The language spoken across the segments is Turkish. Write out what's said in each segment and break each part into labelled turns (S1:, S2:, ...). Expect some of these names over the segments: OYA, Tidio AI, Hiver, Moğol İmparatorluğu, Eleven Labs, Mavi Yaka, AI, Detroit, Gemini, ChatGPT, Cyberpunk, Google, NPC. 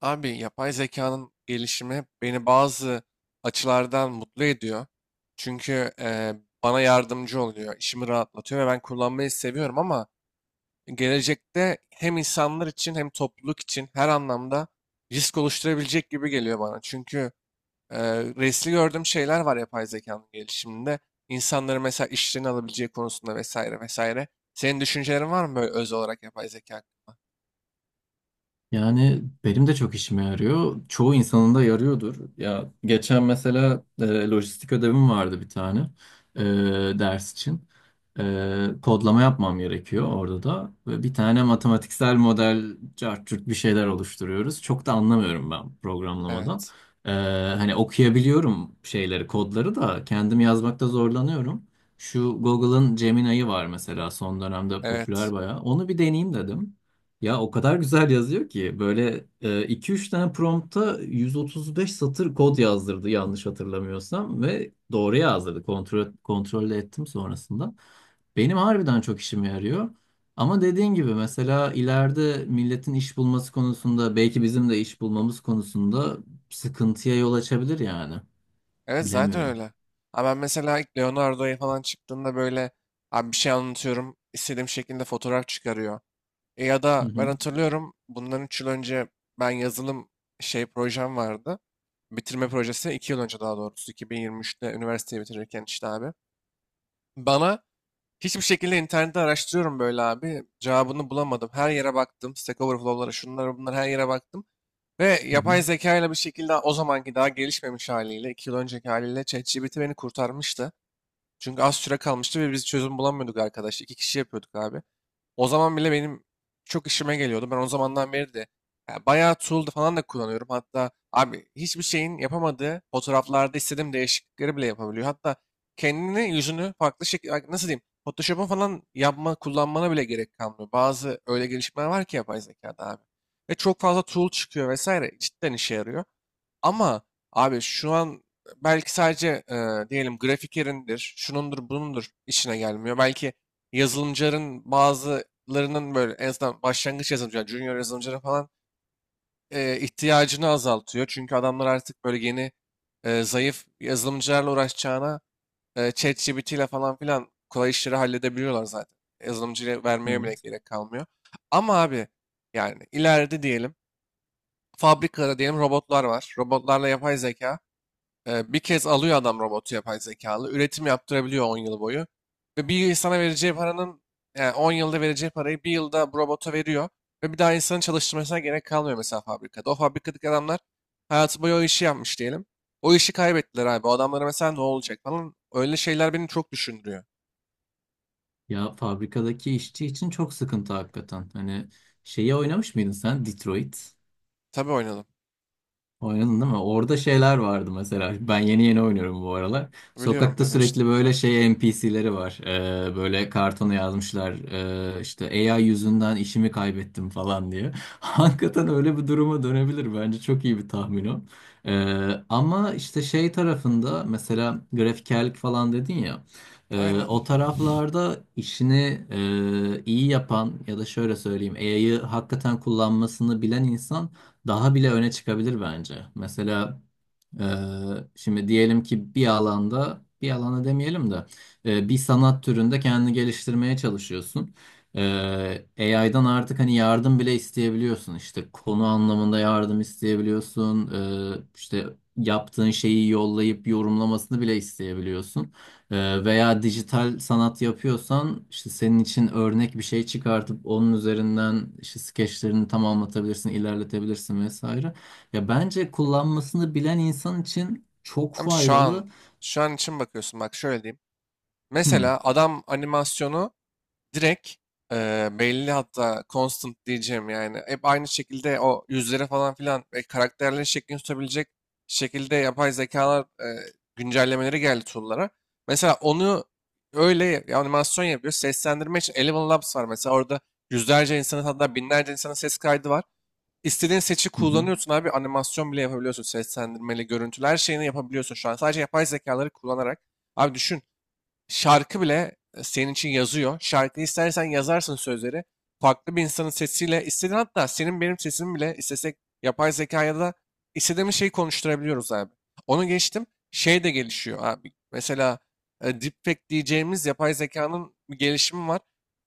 S1: Abi yapay zekanın gelişimi beni bazı açılardan mutlu ediyor. Çünkü bana yardımcı oluyor, işimi rahatlatıyor ve ben kullanmayı seviyorum ama gelecekte hem insanlar için hem topluluk için her anlamda risk oluşturabilecek gibi geliyor bana. Çünkü riskli gördüğüm şeyler var yapay zekanın gelişiminde. İnsanların mesela işlerini alabileceği konusunda vesaire vesaire. Senin düşüncelerin var mı böyle öz olarak yapay zeka hakkında?
S2: Yani benim de çok işime yarıyor. Çoğu insanın da yarıyordur. Ya geçen mesela lojistik ödevim vardı bir tane ders için kodlama yapmam gerekiyor orada da. Ve bir tane matematiksel model cart curt bir şeyler oluşturuyoruz. Çok da anlamıyorum ben programlamadan.
S1: Evet,
S2: E, hani okuyabiliyorum şeyleri, kodları da kendim yazmakta zorlanıyorum. Şu Google'ın Gemini'yi var mesela son dönemde
S1: evet.
S2: popüler bayağı. Onu bir deneyeyim dedim. Ya o kadar güzel yazıyor ki böyle iki üç tane prompta 135 satır kod yazdırdı yanlış hatırlamıyorsam ve doğru yazdırdı. Kontrol de ettim sonrasında. Benim harbiden çok işime yarıyor. Ama dediğin gibi mesela ileride milletin iş bulması konusunda belki bizim de iş bulmamız konusunda sıkıntıya yol açabilir yani.
S1: Evet zaten
S2: Bilemiyorum.
S1: öyle. Abi ben mesela ilk Leonardo'ya falan çıktığında böyle abi bir şey anlatıyorum, istediğim şekilde fotoğraf çıkarıyor. E ya
S2: Hı
S1: da ben
S2: hı.
S1: hatırlıyorum bundan 3 yıl önce ben yazılım şey projem vardı. Bitirme projesi 2 yıl önce, daha doğrusu 2023'te üniversiteyi bitirirken işte abi. Bana hiçbir şekilde internette araştırıyorum böyle abi. Cevabını bulamadım. Her yere baktım. Stack Overflow'lara şunlara bunlara her yere baktım. Ve
S2: Hı hı.
S1: yapay zeka ile bir şekilde o zamanki daha gelişmemiş haliyle, 2 yıl önceki haliyle ChatGPT beni kurtarmıştı. Çünkü az süre kalmıştı ve biz çözüm bulamıyorduk arkadaş. 2 kişi yapıyorduk abi. O zaman bile benim çok işime geliyordu. Ben o zamandan beri de ya, bayağı tool falan da kullanıyorum. Hatta abi hiçbir şeyin yapamadığı fotoğraflarda istediğim değişiklikleri bile yapabiliyor. Hatta kendini yüzünü farklı şekilde nasıl diyeyim, Photoshop'un falan yapma kullanmana bile gerek kalmıyor. Bazı öyle gelişmeler var ki yapay zekada abi. Ve çok fazla tool çıkıyor vesaire, cidden işe yarıyor. Ama abi şu an belki sadece diyelim gráfikerindir, şunundur, bunundur işine gelmiyor. Belki yazılımcıların bazılarının böyle en azından başlangıç yazılımcılar, junior yazılımcıların falan ihtiyacını azaltıyor. Çünkü adamlar artık böyle yeni zayıf yazılımcılarla uğraşacağına ChatGPT ile falan filan kolay işleri halledebiliyorlar zaten. Yazılımcıya vermeye bile
S2: Evet.
S1: gerek kalmıyor. Ama abi yani ileride diyelim fabrikada diyelim robotlar var. Robotlarla yapay zeka. Bir kez alıyor adam robotu yapay zekalı. Üretim yaptırabiliyor 10 yıl boyu. Ve bir insana vereceği paranın, yani 10 yılda vereceği parayı 1 yılda bu robota veriyor. Ve bir daha insanın çalıştırmasına gerek kalmıyor mesela fabrikada. O fabrikadaki adamlar hayatı boyu o işi yapmış diyelim. O işi kaybettiler abi. O adamlara mesela ne olacak falan. Öyle şeyler beni çok düşündürüyor.
S2: Ya fabrikadaki işçi için çok sıkıntı hakikaten. Hani şeyi oynamış mıydın sen? Detroit.
S1: Tabii oynadım.
S2: Oynadın değil mi? Orada şeyler vardı mesela. Ben yeni yeni oynuyorum bu aralar.
S1: Biliyorum
S2: Sokakta
S1: biliyorum işte.
S2: sürekli böyle şey NPC'leri var. Böyle kartona yazmışlar. İşte AI yüzünden işimi kaybettim falan diye. Hakikaten öyle bir duruma dönebilir. Bence çok iyi bir tahmin o. Ama işte şey tarafında mesela grafikerlik falan dedin ya.
S1: Aynen.
S2: O taraflarda işini iyi yapan ya da şöyle söyleyeyim AI'yı hakikaten kullanmasını bilen insan daha bile öne çıkabilir bence. Mesela ee, şimdi diyelim ki bir alanda, bir alana demeyelim de bir sanat türünde kendini geliştirmeye çalışıyorsun. AI'dan artık hani yardım bile isteyebiliyorsun. İşte konu anlamında yardım isteyebiliyorsun. İşte yaptığın şeyi yollayıp yorumlamasını bile isteyebiliyorsun. Veya dijital sanat yapıyorsan işte senin için örnek bir şey çıkartıp onun üzerinden işte skeçlerini tamamlatabilirsin, ilerletebilirsin vesaire. Ya bence kullanmasını bilen insan için çok
S1: Ama şu an,
S2: faydalı.
S1: şu an için bakıyorsun bak şöyle diyeyim.
S2: Hmm.
S1: Mesela adam animasyonu direkt belli hatta constant diyeceğim, yani hep aynı şekilde o yüzlere falan filan ve karakterlerin şeklini tutabilecek şekilde yapay zekalar güncellemeleri geldi tool'lara. Mesela onu animasyon yapıyor. Seslendirme için Eleven Labs var mesela, orada yüzlerce insanın hatta binlerce insanın ses kaydı var. İstediğin seçi
S2: Hı hı.
S1: kullanıyorsun abi, animasyon bile yapabiliyorsun, seslendirmeli görüntüler şeyini yapabiliyorsun şu an sadece yapay zekaları kullanarak. Abi düşün, şarkı bile senin için yazıyor. Şarkı istersen yazarsın sözleri. Farklı bir insanın sesiyle istediğin, hatta senin benim sesimi bile istesek yapay zekaya da istediğimiz şeyi konuşturabiliyoruz abi. Onu geçtim. Şey de gelişiyor abi. Mesela deepfake diyeceğimiz yapay zekanın bir gelişimi var.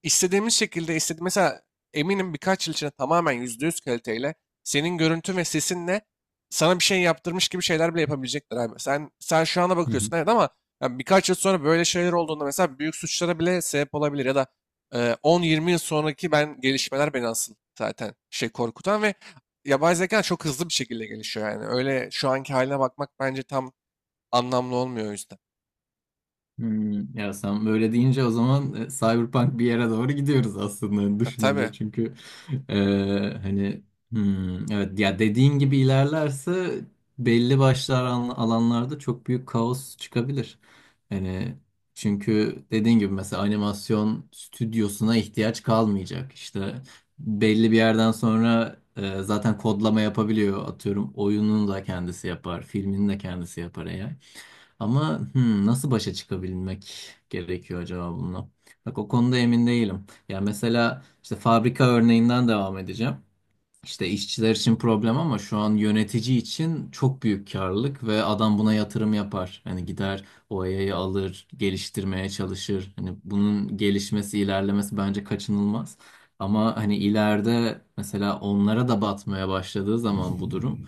S1: İstediğimiz şekilde istedi mesela, eminim birkaç yıl içinde tamamen %100 kaliteyle senin görüntün ve sesinle sana bir şey yaptırmış gibi şeyler bile yapabilecekler abi. Sen şu ana
S2: Hı hı.
S1: bakıyorsun evet, ama ya birkaç yıl sonra böyle şeyler olduğunda mesela büyük suçlara bile sebep olabilir ya da 10-20 yıl sonraki ben gelişmeler beni asıl zaten şey korkutan ve yapay zeka çok hızlı bir şekilde gelişiyor yani. Öyle şu anki haline bakmak bence tam anlamlı olmuyor o yüzden.
S2: Hmm. Ya sen böyle deyince o zaman Cyberpunk bir yere doğru gidiyoruz aslında
S1: Ha, tabii.
S2: düşününce. Çünkü Ee, hani evet ya dediğin gibi ilerlerse belli başlı alanlarda çok büyük kaos çıkabilir. Hani çünkü dediğin gibi mesela animasyon stüdyosuna ihtiyaç kalmayacak. İşte belli bir yerden sonra zaten kodlama yapabiliyor. Atıyorum oyunun da kendisi yapar, filmin de kendisi yapar AI. Ama hmm, nasıl başa çıkabilmek gerekiyor acaba bununla? Bak o konuda emin değilim. Ya mesela işte fabrika örneğinden devam edeceğim. İşte işçiler için problem ama şu an yönetici için çok büyük karlılık ve adam buna yatırım yapar. Hani gider o OYA'yı alır, geliştirmeye çalışır. Hani bunun gelişmesi, ilerlemesi bence kaçınılmaz. Ama hani ileride mesela onlara da batmaya başladığı zaman bu durum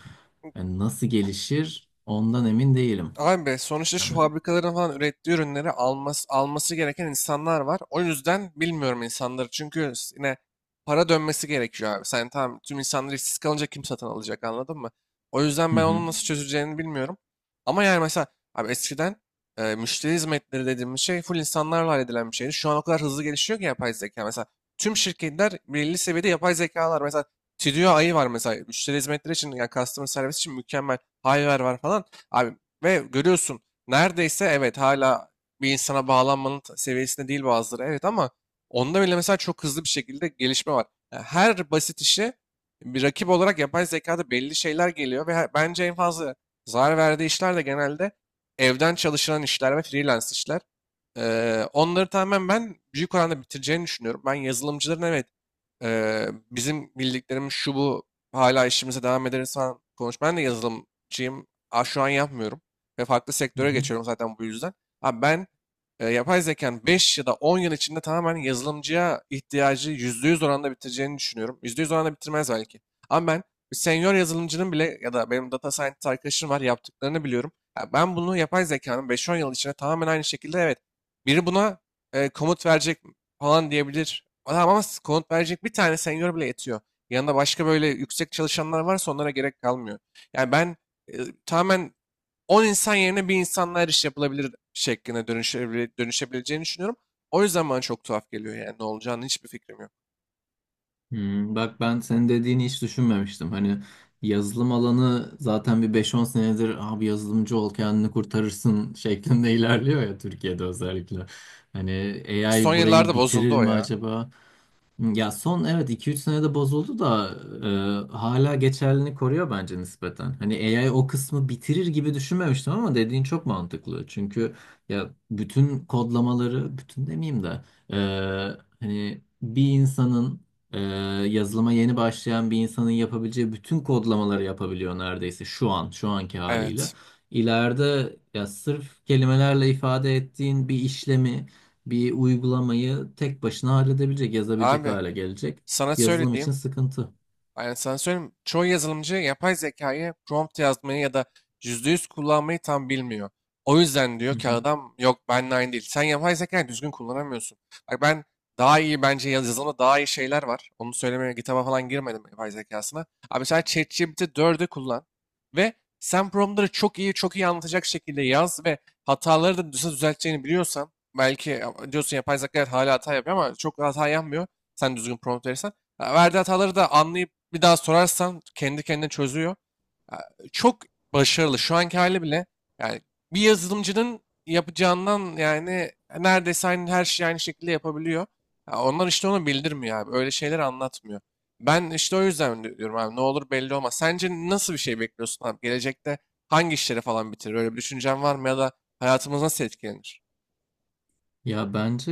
S2: yani nasıl gelişir ondan emin değilim.
S1: Abi sonuçta şu
S2: Yani.
S1: fabrikaların falan ürettiği ürünleri alması, alması gereken insanlar var. O yüzden bilmiyorum insanları. Çünkü yine para dönmesi gerekiyor abi. Sen tamam, tüm insanlar işsiz kalınca kim satın alacak, anladın mı? O yüzden
S2: Hı
S1: ben
S2: hı.
S1: onun nasıl çözüleceğini bilmiyorum. Ama yani mesela abi eskiden müşteri hizmetleri dediğimiz şey full insanlarla halledilen bir şeydi. Şu an o kadar hızlı gelişiyor ki yapay zeka. Mesela tüm şirketler belli seviyede yapay zekalar. Mesela Tidio AI var mesela müşteri hizmetleri için, yani customer service için mükemmel. Hiver var falan. Abi ve görüyorsun, neredeyse evet hala bir insana bağlanmanın seviyesinde değil bazıları evet, ama onda bile mesela çok hızlı bir şekilde gelişme var. Yani her basit işe bir rakip olarak yapay zekada belli şeyler geliyor ve bence en fazla zarar verdiği işler de genelde evden çalışılan işler ve freelance işler. Onları tamamen ben büyük oranda bitireceğini düşünüyorum. Ben yazılımcıların evet bizim bildiklerimiz şu bu hala işimize devam ederiz falan konuş. Ben de yazılımcıyım. Aa, şu an yapmıyorum. Ve farklı
S2: Hı
S1: sektöre
S2: hı.
S1: geçiyorum zaten bu yüzden. Abi ben yapay zekanın 5 ya da 10 yıl içinde tamamen yazılımcıya ihtiyacı %100 oranda bitireceğini düşünüyorum. %100 oranda bitirmez belki. Ama ben bir senior yazılımcının bile ya da benim data scientist arkadaşım var, yaptıklarını biliyorum. Ya ben bunu yapay zekanın 5-10 yıl içinde tamamen aynı şekilde evet biri buna komut verecek falan diyebilir. Adam ama komut verecek bir tane senior bile yetiyor. Yanında başka böyle yüksek çalışanlar varsa onlara gerek kalmıyor. Yani ben e, tamamen 10 insan yerine bir insanla her iş yapılabilir şekline dönüşebileceğini düşünüyorum. O yüzden bana çok tuhaf geliyor yani, ne olacağını hiçbir fikrim yok.
S2: Hmm. Bak ben senin dediğini hiç düşünmemiştim. Hani yazılım alanı zaten bir 5-10 senedir abi yazılımcı ol kendini kurtarırsın şeklinde ilerliyor ya Türkiye'de özellikle. Hani
S1: Son
S2: AI burayı
S1: yıllarda bozuldu
S2: bitirir
S1: o
S2: mi
S1: ya.
S2: acaba? Ya son evet 2-3 senede bozuldu da hala geçerliliğini koruyor bence nispeten. Hani AI o kısmı bitirir gibi düşünmemiştim ama dediğin çok mantıklı. Çünkü ya bütün kodlamaları, bütün demeyeyim de e, hani bir e, yazılıma yeni başlayan bir insanın yapabileceği bütün kodlamaları yapabiliyor neredeyse şu anki haliyle.
S1: Evet.
S2: İleride ya sırf kelimelerle ifade ettiğin bir işlemi bir uygulamayı tek başına halledebilecek, yazabilecek
S1: Abi
S2: hale gelecek.
S1: sana
S2: Yazılım için
S1: söylediğim,
S2: sıkıntı.
S1: yani sana söyleyeyim, çoğu yazılımcı yapay zekayı prompt yazmayı ya da %100 kullanmayı tam bilmiyor. O yüzden diyor
S2: Hı
S1: ki
S2: hı.
S1: adam, yok benimle aynı değil. Sen yapay zekayı düzgün kullanamıyorsun. Bak ben daha iyi bence yazılımda daha iyi şeyler var. Onu söylemeye GitHub'a falan girmedim yapay zekasına. Abi mesela ChatGPT 4'ü kullan ve sen promptları çok iyi anlatacak şekilde yaz ve hataları da nasıl düzelteceğini biliyorsan belki diyorsun yapay zeka evet hala hata yapıyor ama çok hata yapmıyor. Sen düzgün prompt verirsen. Ha, verdiği hataları da anlayıp bir daha sorarsan kendi kendine çözüyor. Ya, çok başarılı. Şu anki hali bile yani bir yazılımcının yapacağından yani neredeyse aynı, her şeyi aynı şekilde yapabiliyor. Ya onlar işte onu bildirmiyor abi. Öyle şeyler anlatmıyor. Ben işte o yüzden diyorum abi ne olur belli olmaz. Sence nasıl bir şey bekliyorsun abi? Gelecekte hangi işleri falan bitirir? Öyle bir düşüncen var mı ya da hayatımız nasıl etkilenir?
S2: Ya bence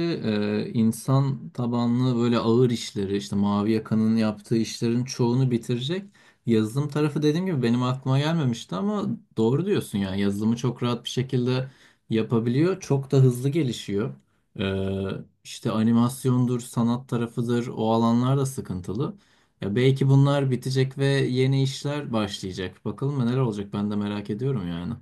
S2: insan tabanlı böyle ağır işleri işte Mavi Yaka'nın yaptığı işlerin çoğunu bitirecek. Yazılım tarafı dediğim gibi benim aklıma gelmemişti ama doğru diyorsun yani yazılımı çok rahat bir şekilde yapabiliyor. Çok da hızlı gelişiyor. E, işte animasyondur, sanat tarafıdır o alanlar da sıkıntılı. Ya belki bunlar bitecek ve yeni işler başlayacak. Bakalım neler olacak ben de merak ediyorum yani.